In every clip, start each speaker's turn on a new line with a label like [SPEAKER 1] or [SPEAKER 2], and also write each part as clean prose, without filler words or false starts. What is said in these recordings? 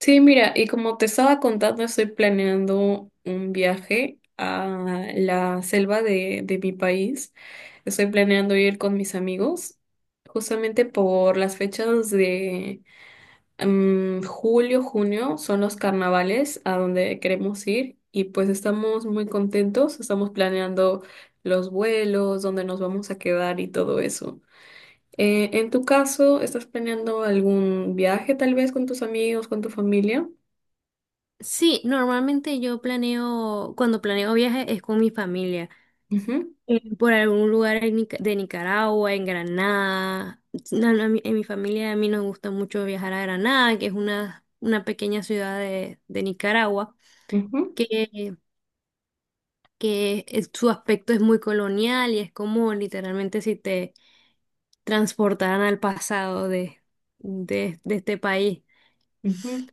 [SPEAKER 1] Sí, mira, y como te estaba contando, estoy planeando un viaje a la selva de mi país. Estoy planeando ir con mis amigos, justamente por las fechas de julio, junio, son los carnavales a donde queremos ir y pues estamos muy contentos, estamos planeando los vuelos, dónde nos vamos a quedar y todo eso. En tu caso, ¿estás planeando algún viaje tal vez con tus amigos, con tu familia?
[SPEAKER 2] Sí, normalmente yo planeo, cuando planeo viajes es con mi familia,
[SPEAKER 1] Ujú,
[SPEAKER 2] por algún lugar en de Nicaragua, en Granada. No, no, en mi familia a mí nos gusta mucho viajar a Granada, que es una pequeña ciudad de Nicaragua,
[SPEAKER 1] ujú,
[SPEAKER 2] que, su aspecto es muy colonial y es como literalmente si te transportaran al pasado de este país.
[SPEAKER 1] ujú.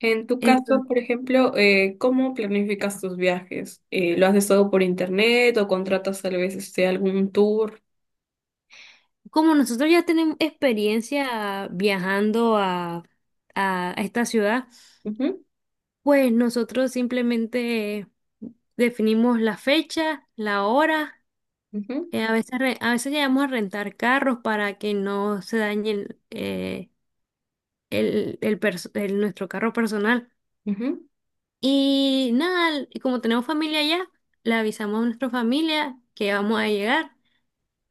[SPEAKER 1] En tu caso, por ejemplo, ¿cómo planificas tus viajes? ¿Lo haces todo por internet o contratas tal vez este, algún tour?
[SPEAKER 2] Como nosotros ya tenemos experiencia viajando a esta ciudad,
[SPEAKER 1] Ujú,
[SPEAKER 2] pues nosotros simplemente definimos la fecha, la hora.
[SPEAKER 1] ujú,
[SPEAKER 2] A veces, a veces llegamos a rentar carros para que no se dañe nuestro carro personal. Y nada, y como tenemos familia allá, le avisamos a nuestra familia que vamos a llegar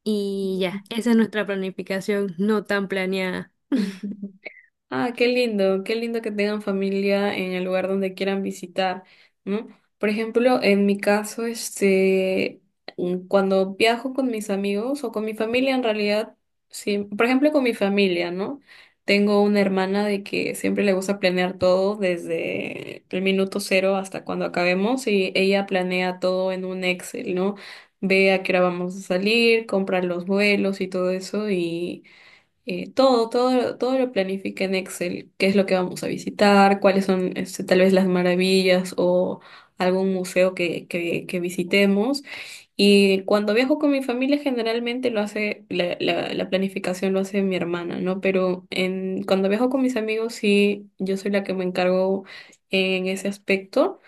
[SPEAKER 2] y ya, esa es nuestra planificación no tan planeada.
[SPEAKER 1] ujú, ujú. Ah, qué lindo que tengan familia en el lugar donde quieran visitar, ¿no? Por ejemplo, en mi caso, este, cuando viajo con mis amigos o con mi familia, en realidad, sí, por ejemplo, con mi familia, ¿no? Tengo una hermana de que siempre le gusta planear todo desde el minuto cero hasta cuando acabemos y ella planea todo en un Excel, ¿no? Ve a qué hora vamos a salir, compra los vuelos y todo eso, todo, todo, todo lo planifica en Excel, qué es lo que vamos a visitar, cuáles son este, tal vez las maravillas o algún museo que visitemos. Y cuando viajo con mi familia generalmente lo hace, la planificación lo hace mi hermana, ¿no? Pero en, cuando viajo con mis amigos sí, yo soy la que me encargo en ese aspecto.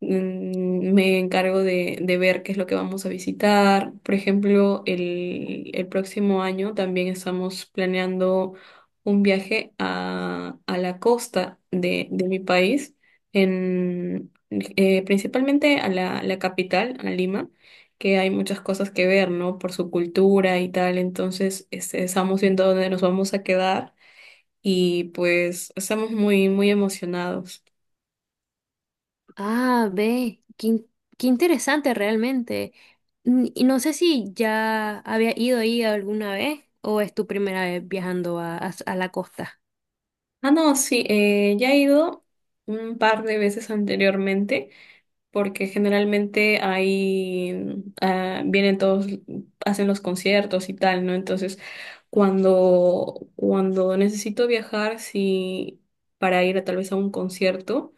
[SPEAKER 1] Me encargo de ver qué es lo que vamos a visitar. Por ejemplo, el próximo año también estamos planeando un viaje a la costa de mi país, en, principalmente a la capital, a Lima, que hay muchas cosas que ver, ¿no? Por su cultura y tal. Entonces, este, estamos viendo dónde nos vamos a quedar y pues estamos muy, muy emocionados.
[SPEAKER 2] Ah, ve, qué interesante realmente. Y no sé si ya había ido ahí alguna vez o es tu primera vez viajando a la costa.
[SPEAKER 1] Ah, no, sí, ya he ido un par de veces anteriormente, porque generalmente ahí ah, vienen todos, hacen los conciertos y tal, ¿no? Entonces, cuando necesito viajar, sí, para ir a, tal vez a un concierto.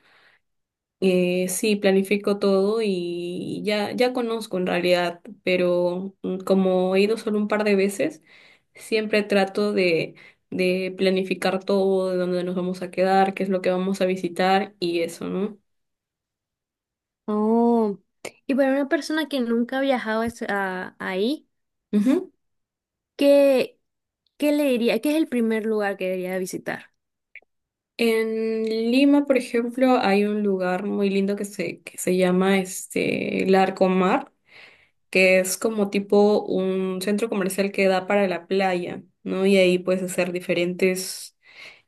[SPEAKER 1] Sí, planifico todo y ya, ya conozco en realidad, pero como he ido solo un par de veces, siempre trato de planificar todo, de dónde nos vamos a quedar, qué es lo que vamos a visitar y eso, ¿no?
[SPEAKER 2] Oh, y para una persona que nunca ha viajado ahí,
[SPEAKER 1] Ujú.
[SPEAKER 2] ¿qué, qué le diría? ¿Qué es el primer lugar que debería visitar?
[SPEAKER 1] En Lima, por ejemplo, hay un lugar muy lindo que se llama este, el Arco, que es como tipo un centro comercial que da para la playa, ¿no? Y ahí puedes hacer diferentes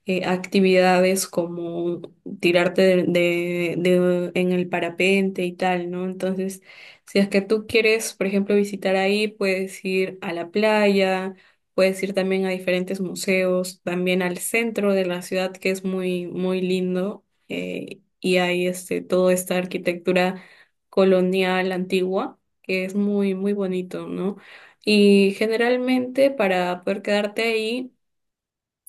[SPEAKER 1] actividades como tirarte en el parapente y tal, ¿no? Entonces, si es que tú quieres, por ejemplo, visitar ahí, puedes ir a la playa, puedes ir también a diferentes museos, también al centro de la ciudad, que es muy, muy lindo, y hay este, toda esta arquitectura colonial antigua, que es muy, muy bonito, ¿no? Y generalmente para poder quedarte ahí,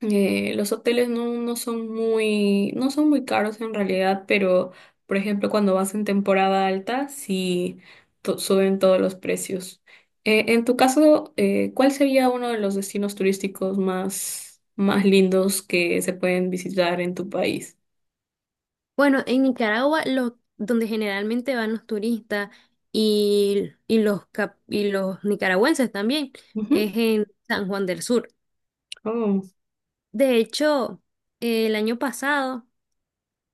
[SPEAKER 1] los hoteles no son muy, no son muy caros en realidad, pero por ejemplo cuando vas en temporada alta, sí suben todos los precios. En tu caso, ¿cuál sería uno de los destinos turísticos más, más lindos que se pueden visitar en tu país?
[SPEAKER 2] Bueno, en Nicaragua, donde generalmente van los turistas y y los nicaragüenses también,
[SPEAKER 1] Ujú.
[SPEAKER 2] es en San Juan del Sur.
[SPEAKER 1] Oh,
[SPEAKER 2] De hecho, el año pasado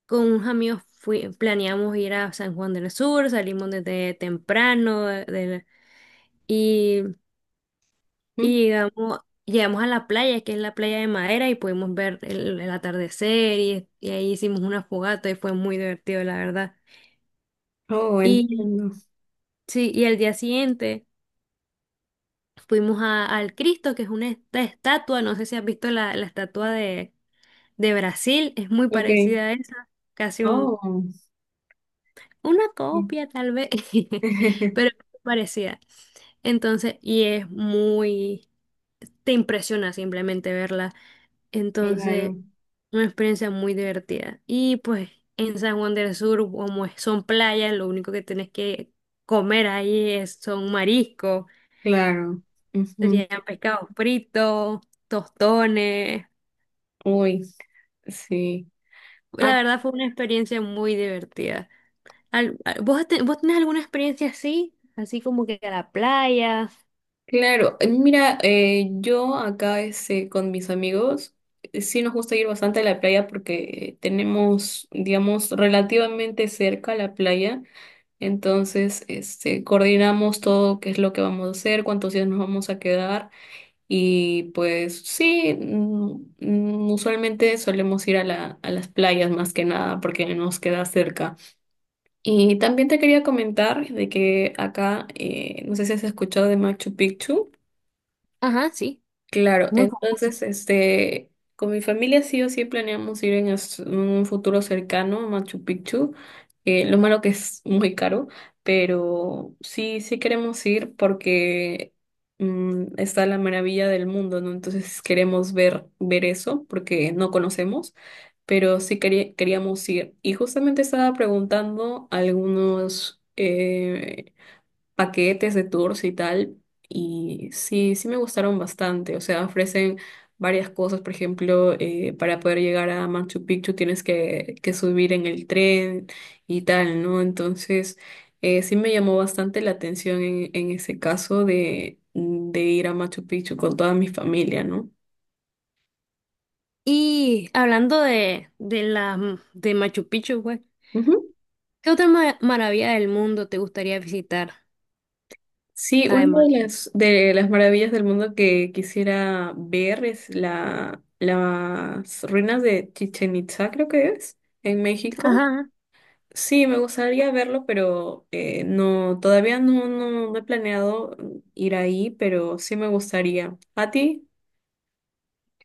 [SPEAKER 2] con unos amigos planeamos ir a San Juan del Sur, salimos desde temprano y,
[SPEAKER 1] ujú.
[SPEAKER 2] y llegamos, llegamos a la playa, que es la playa de Madera, y pudimos ver el atardecer y ahí hicimos una fogata y fue muy divertido, la verdad.
[SPEAKER 1] Oh,
[SPEAKER 2] Y
[SPEAKER 1] entiendo.
[SPEAKER 2] sí, y al día siguiente fuimos al Cristo, que es una estatua. No sé si has visto la estatua de Brasil, es muy
[SPEAKER 1] Ok.
[SPEAKER 2] parecida a esa, casi.
[SPEAKER 1] Oh.
[SPEAKER 2] Una
[SPEAKER 1] Sí.
[SPEAKER 2] copia, tal vez, pero parecida. Entonces, y es muy, te impresiona simplemente verla. Entonces,
[SPEAKER 1] Claro,
[SPEAKER 2] una experiencia muy divertida. Y pues en San Juan del Sur, como son playas, lo único que tienes que comer ahí es, son mariscos,
[SPEAKER 1] claro. Ujú.
[SPEAKER 2] serían pescados fritos, tostones.
[SPEAKER 1] Uy, sí.
[SPEAKER 2] La verdad fue una experiencia muy divertida. ¿Vos, vos tenés alguna experiencia así? Así como que a la playa.
[SPEAKER 1] Claro, mira, yo acá este, con mis amigos sí nos gusta ir bastante a la playa porque tenemos, digamos, relativamente cerca la playa, entonces este, coordinamos todo qué es lo que vamos a hacer, cuántos días nos vamos a quedar y pues sí, usualmente solemos ir a a las playas más que nada porque nos queda cerca. Y también te quería comentar de que acá, no sé si has escuchado de Machu Picchu.
[SPEAKER 2] Ajá, sí,
[SPEAKER 1] Claro,
[SPEAKER 2] muy famoso.
[SPEAKER 1] entonces, este, con mi familia sí o sí planeamos ir en un futuro cercano a Machu Picchu. Lo malo que es muy caro, pero sí, sí queremos ir porque está la maravilla del mundo, ¿no? Entonces queremos ver, ver eso porque no conocemos, pero queríamos ir. Y justamente estaba preguntando algunos, paquetes de tours y tal, y sí, sí me gustaron bastante, o sea, ofrecen varias cosas, por ejemplo, para poder llegar a Machu Picchu tienes que subir en el tren y tal, ¿no? Entonces, sí me llamó bastante la atención en ese caso de ir a Machu Picchu con toda mi familia, ¿no?
[SPEAKER 2] Y hablando de la de Machu Picchu, güey, ¿qué otra maravilla del mundo te gustaría visitar?
[SPEAKER 1] Sí, una
[SPEAKER 2] Además,
[SPEAKER 1] de de las maravillas del mundo que quisiera ver es la, las ruinas de Chichen Itza, creo que es, en México.
[SPEAKER 2] ajá,
[SPEAKER 1] Sí, me gustaría verlo, pero no, todavía no, no, no he planeado ir ahí, pero sí me gustaría. ¿A ti?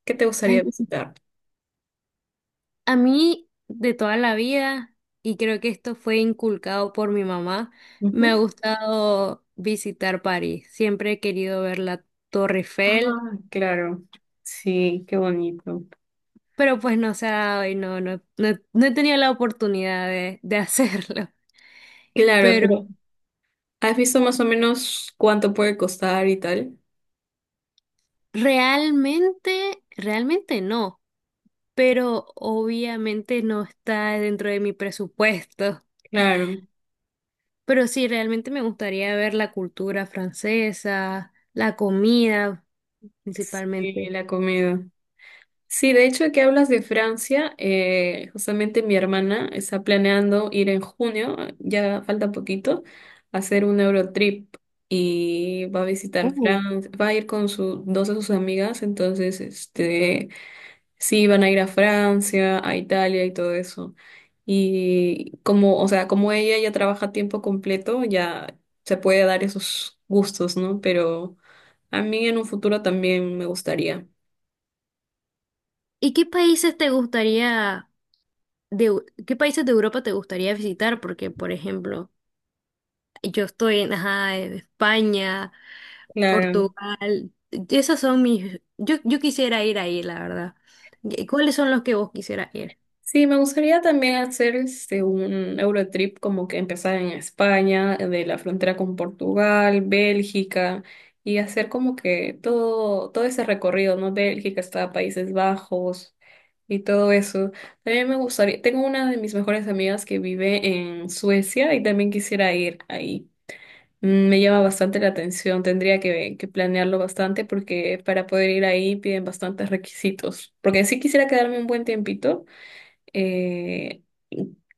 [SPEAKER 1] ¿Qué te
[SPEAKER 2] ay,
[SPEAKER 1] gustaría visitar?
[SPEAKER 2] a mí de toda la vida, y creo que esto fue inculcado por mi mamá, me ha
[SPEAKER 1] Ujú.
[SPEAKER 2] gustado visitar París. Siempre he querido ver la Torre Eiffel,
[SPEAKER 1] Ah, claro. Sí, qué bonito.
[SPEAKER 2] pero pues no se ha dado y no he tenido la oportunidad de hacerlo.
[SPEAKER 1] Claro,
[SPEAKER 2] Pero
[SPEAKER 1] pero ¿has visto más o menos cuánto puede costar y tal?
[SPEAKER 2] realmente, realmente no, pero obviamente no está dentro de mi presupuesto.
[SPEAKER 1] Claro.
[SPEAKER 2] Pero sí, realmente me gustaría ver la cultura francesa, la comida
[SPEAKER 1] Sí,
[SPEAKER 2] principalmente.
[SPEAKER 1] la comida. Sí, de hecho, que hablas de Francia, justamente mi hermana está planeando ir en junio, ya falta poquito, a hacer un Eurotrip y va a visitar
[SPEAKER 2] Oh.
[SPEAKER 1] Francia, va a ir con su, dos de sus amigas, entonces, este, sí, van a ir a Francia, a Italia y todo eso. Y como, o sea, como ella ya trabaja a tiempo completo, ya se puede dar esos gustos, ¿no? Pero a mí en un futuro también me gustaría.
[SPEAKER 2] ¿Y qué países te gustaría, qué países de Europa te gustaría visitar? Porque, por ejemplo, yo estoy en, ajá, en España,
[SPEAKER 1] Claro.
[SPEAKER 2] Portugal. Esas son mis... Yo, quisiera ir ahí, la verdad. ¿Y cuáles son los que vos quisieras ir?
[SPEAKER 1] Sí, me gustaría también hacer este, un Eurotrip como que empezar en España, de la frontera con Portugal, Bélgica, y hacer como que todo, todo ese recorrido, ¿no? Bélgica hasta Países Bajos y todo eso. También me gustaría, tengo una de mis mejores amigas que vive en Suecia y también quisiera ir ahí. Me llama bastante la atención, tendría que planearlo bastante porque para poder ir ahí piden bastantes requisitos, porque sí quisiera quedarme un buen tiempito eh,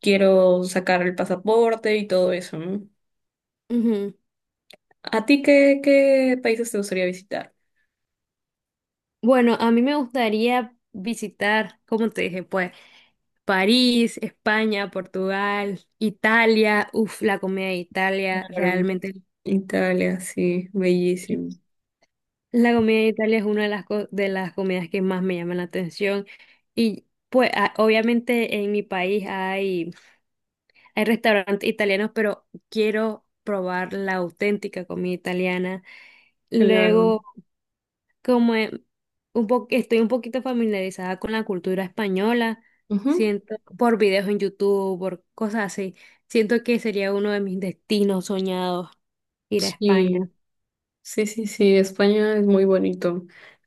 [SPEAKER 1] quiero sacar el pasaporte y todo eso, ¿no?
[SPEAKER 2] Ujú.
[SPEAKER 1] ¿A ti qué, qué países te gustaría visitar?
[SPEAKER 2] Bueno, a mí me gustaría visitar, como te dije, pues, París, España, Portugal, Italia. Uf, la comida de Italia,
[SPEAKER 1] Claro,
[SPEAKER 2] realmente.
[SPEAKER 1] Italia, sí, bellísimo.
[SPEAKER 2] La comida de Italia es una de de las comidas que más me llama la atención. Y pues, obviamente en mi país hay... Hay restaurantes italianos, pero quiero probar la auténtica comida italiana.
[SPEAKER 1] Claro.
[SPEAKER 2] Luego, como e- un po- estoy un poquito familiarizada con la cultura española,
[SPEAKER 1] Ujú.
[SPEAKER 2] siento por videos en YouTube, por cosas así, siento que sería uno de mis destinos soñados ir a España.
[SPEAKER 1] Sí, sí, España es muy bonito.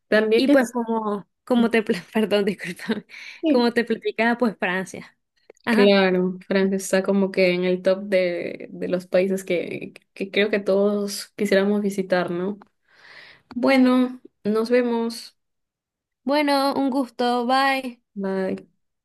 [SPEAKER 1] También
[SPEAKER 2] Y pues
[SPEAKER 1] es,
[SPEAKER 2] como, como te, perdón, disculpa,
[SPEAKER 1] sí,
[SPEAKER 2] como te platicaba, pues Francia. Ajá.
[SPEAKER 1] claro, Francia está como que en el top de los países que creo que todos quisiéramos visitar, ¿no? Bueno, nos vemos.
[SPEAKER 2] Bueno, un gusto, bye.
[SPEAKER 1] Bye.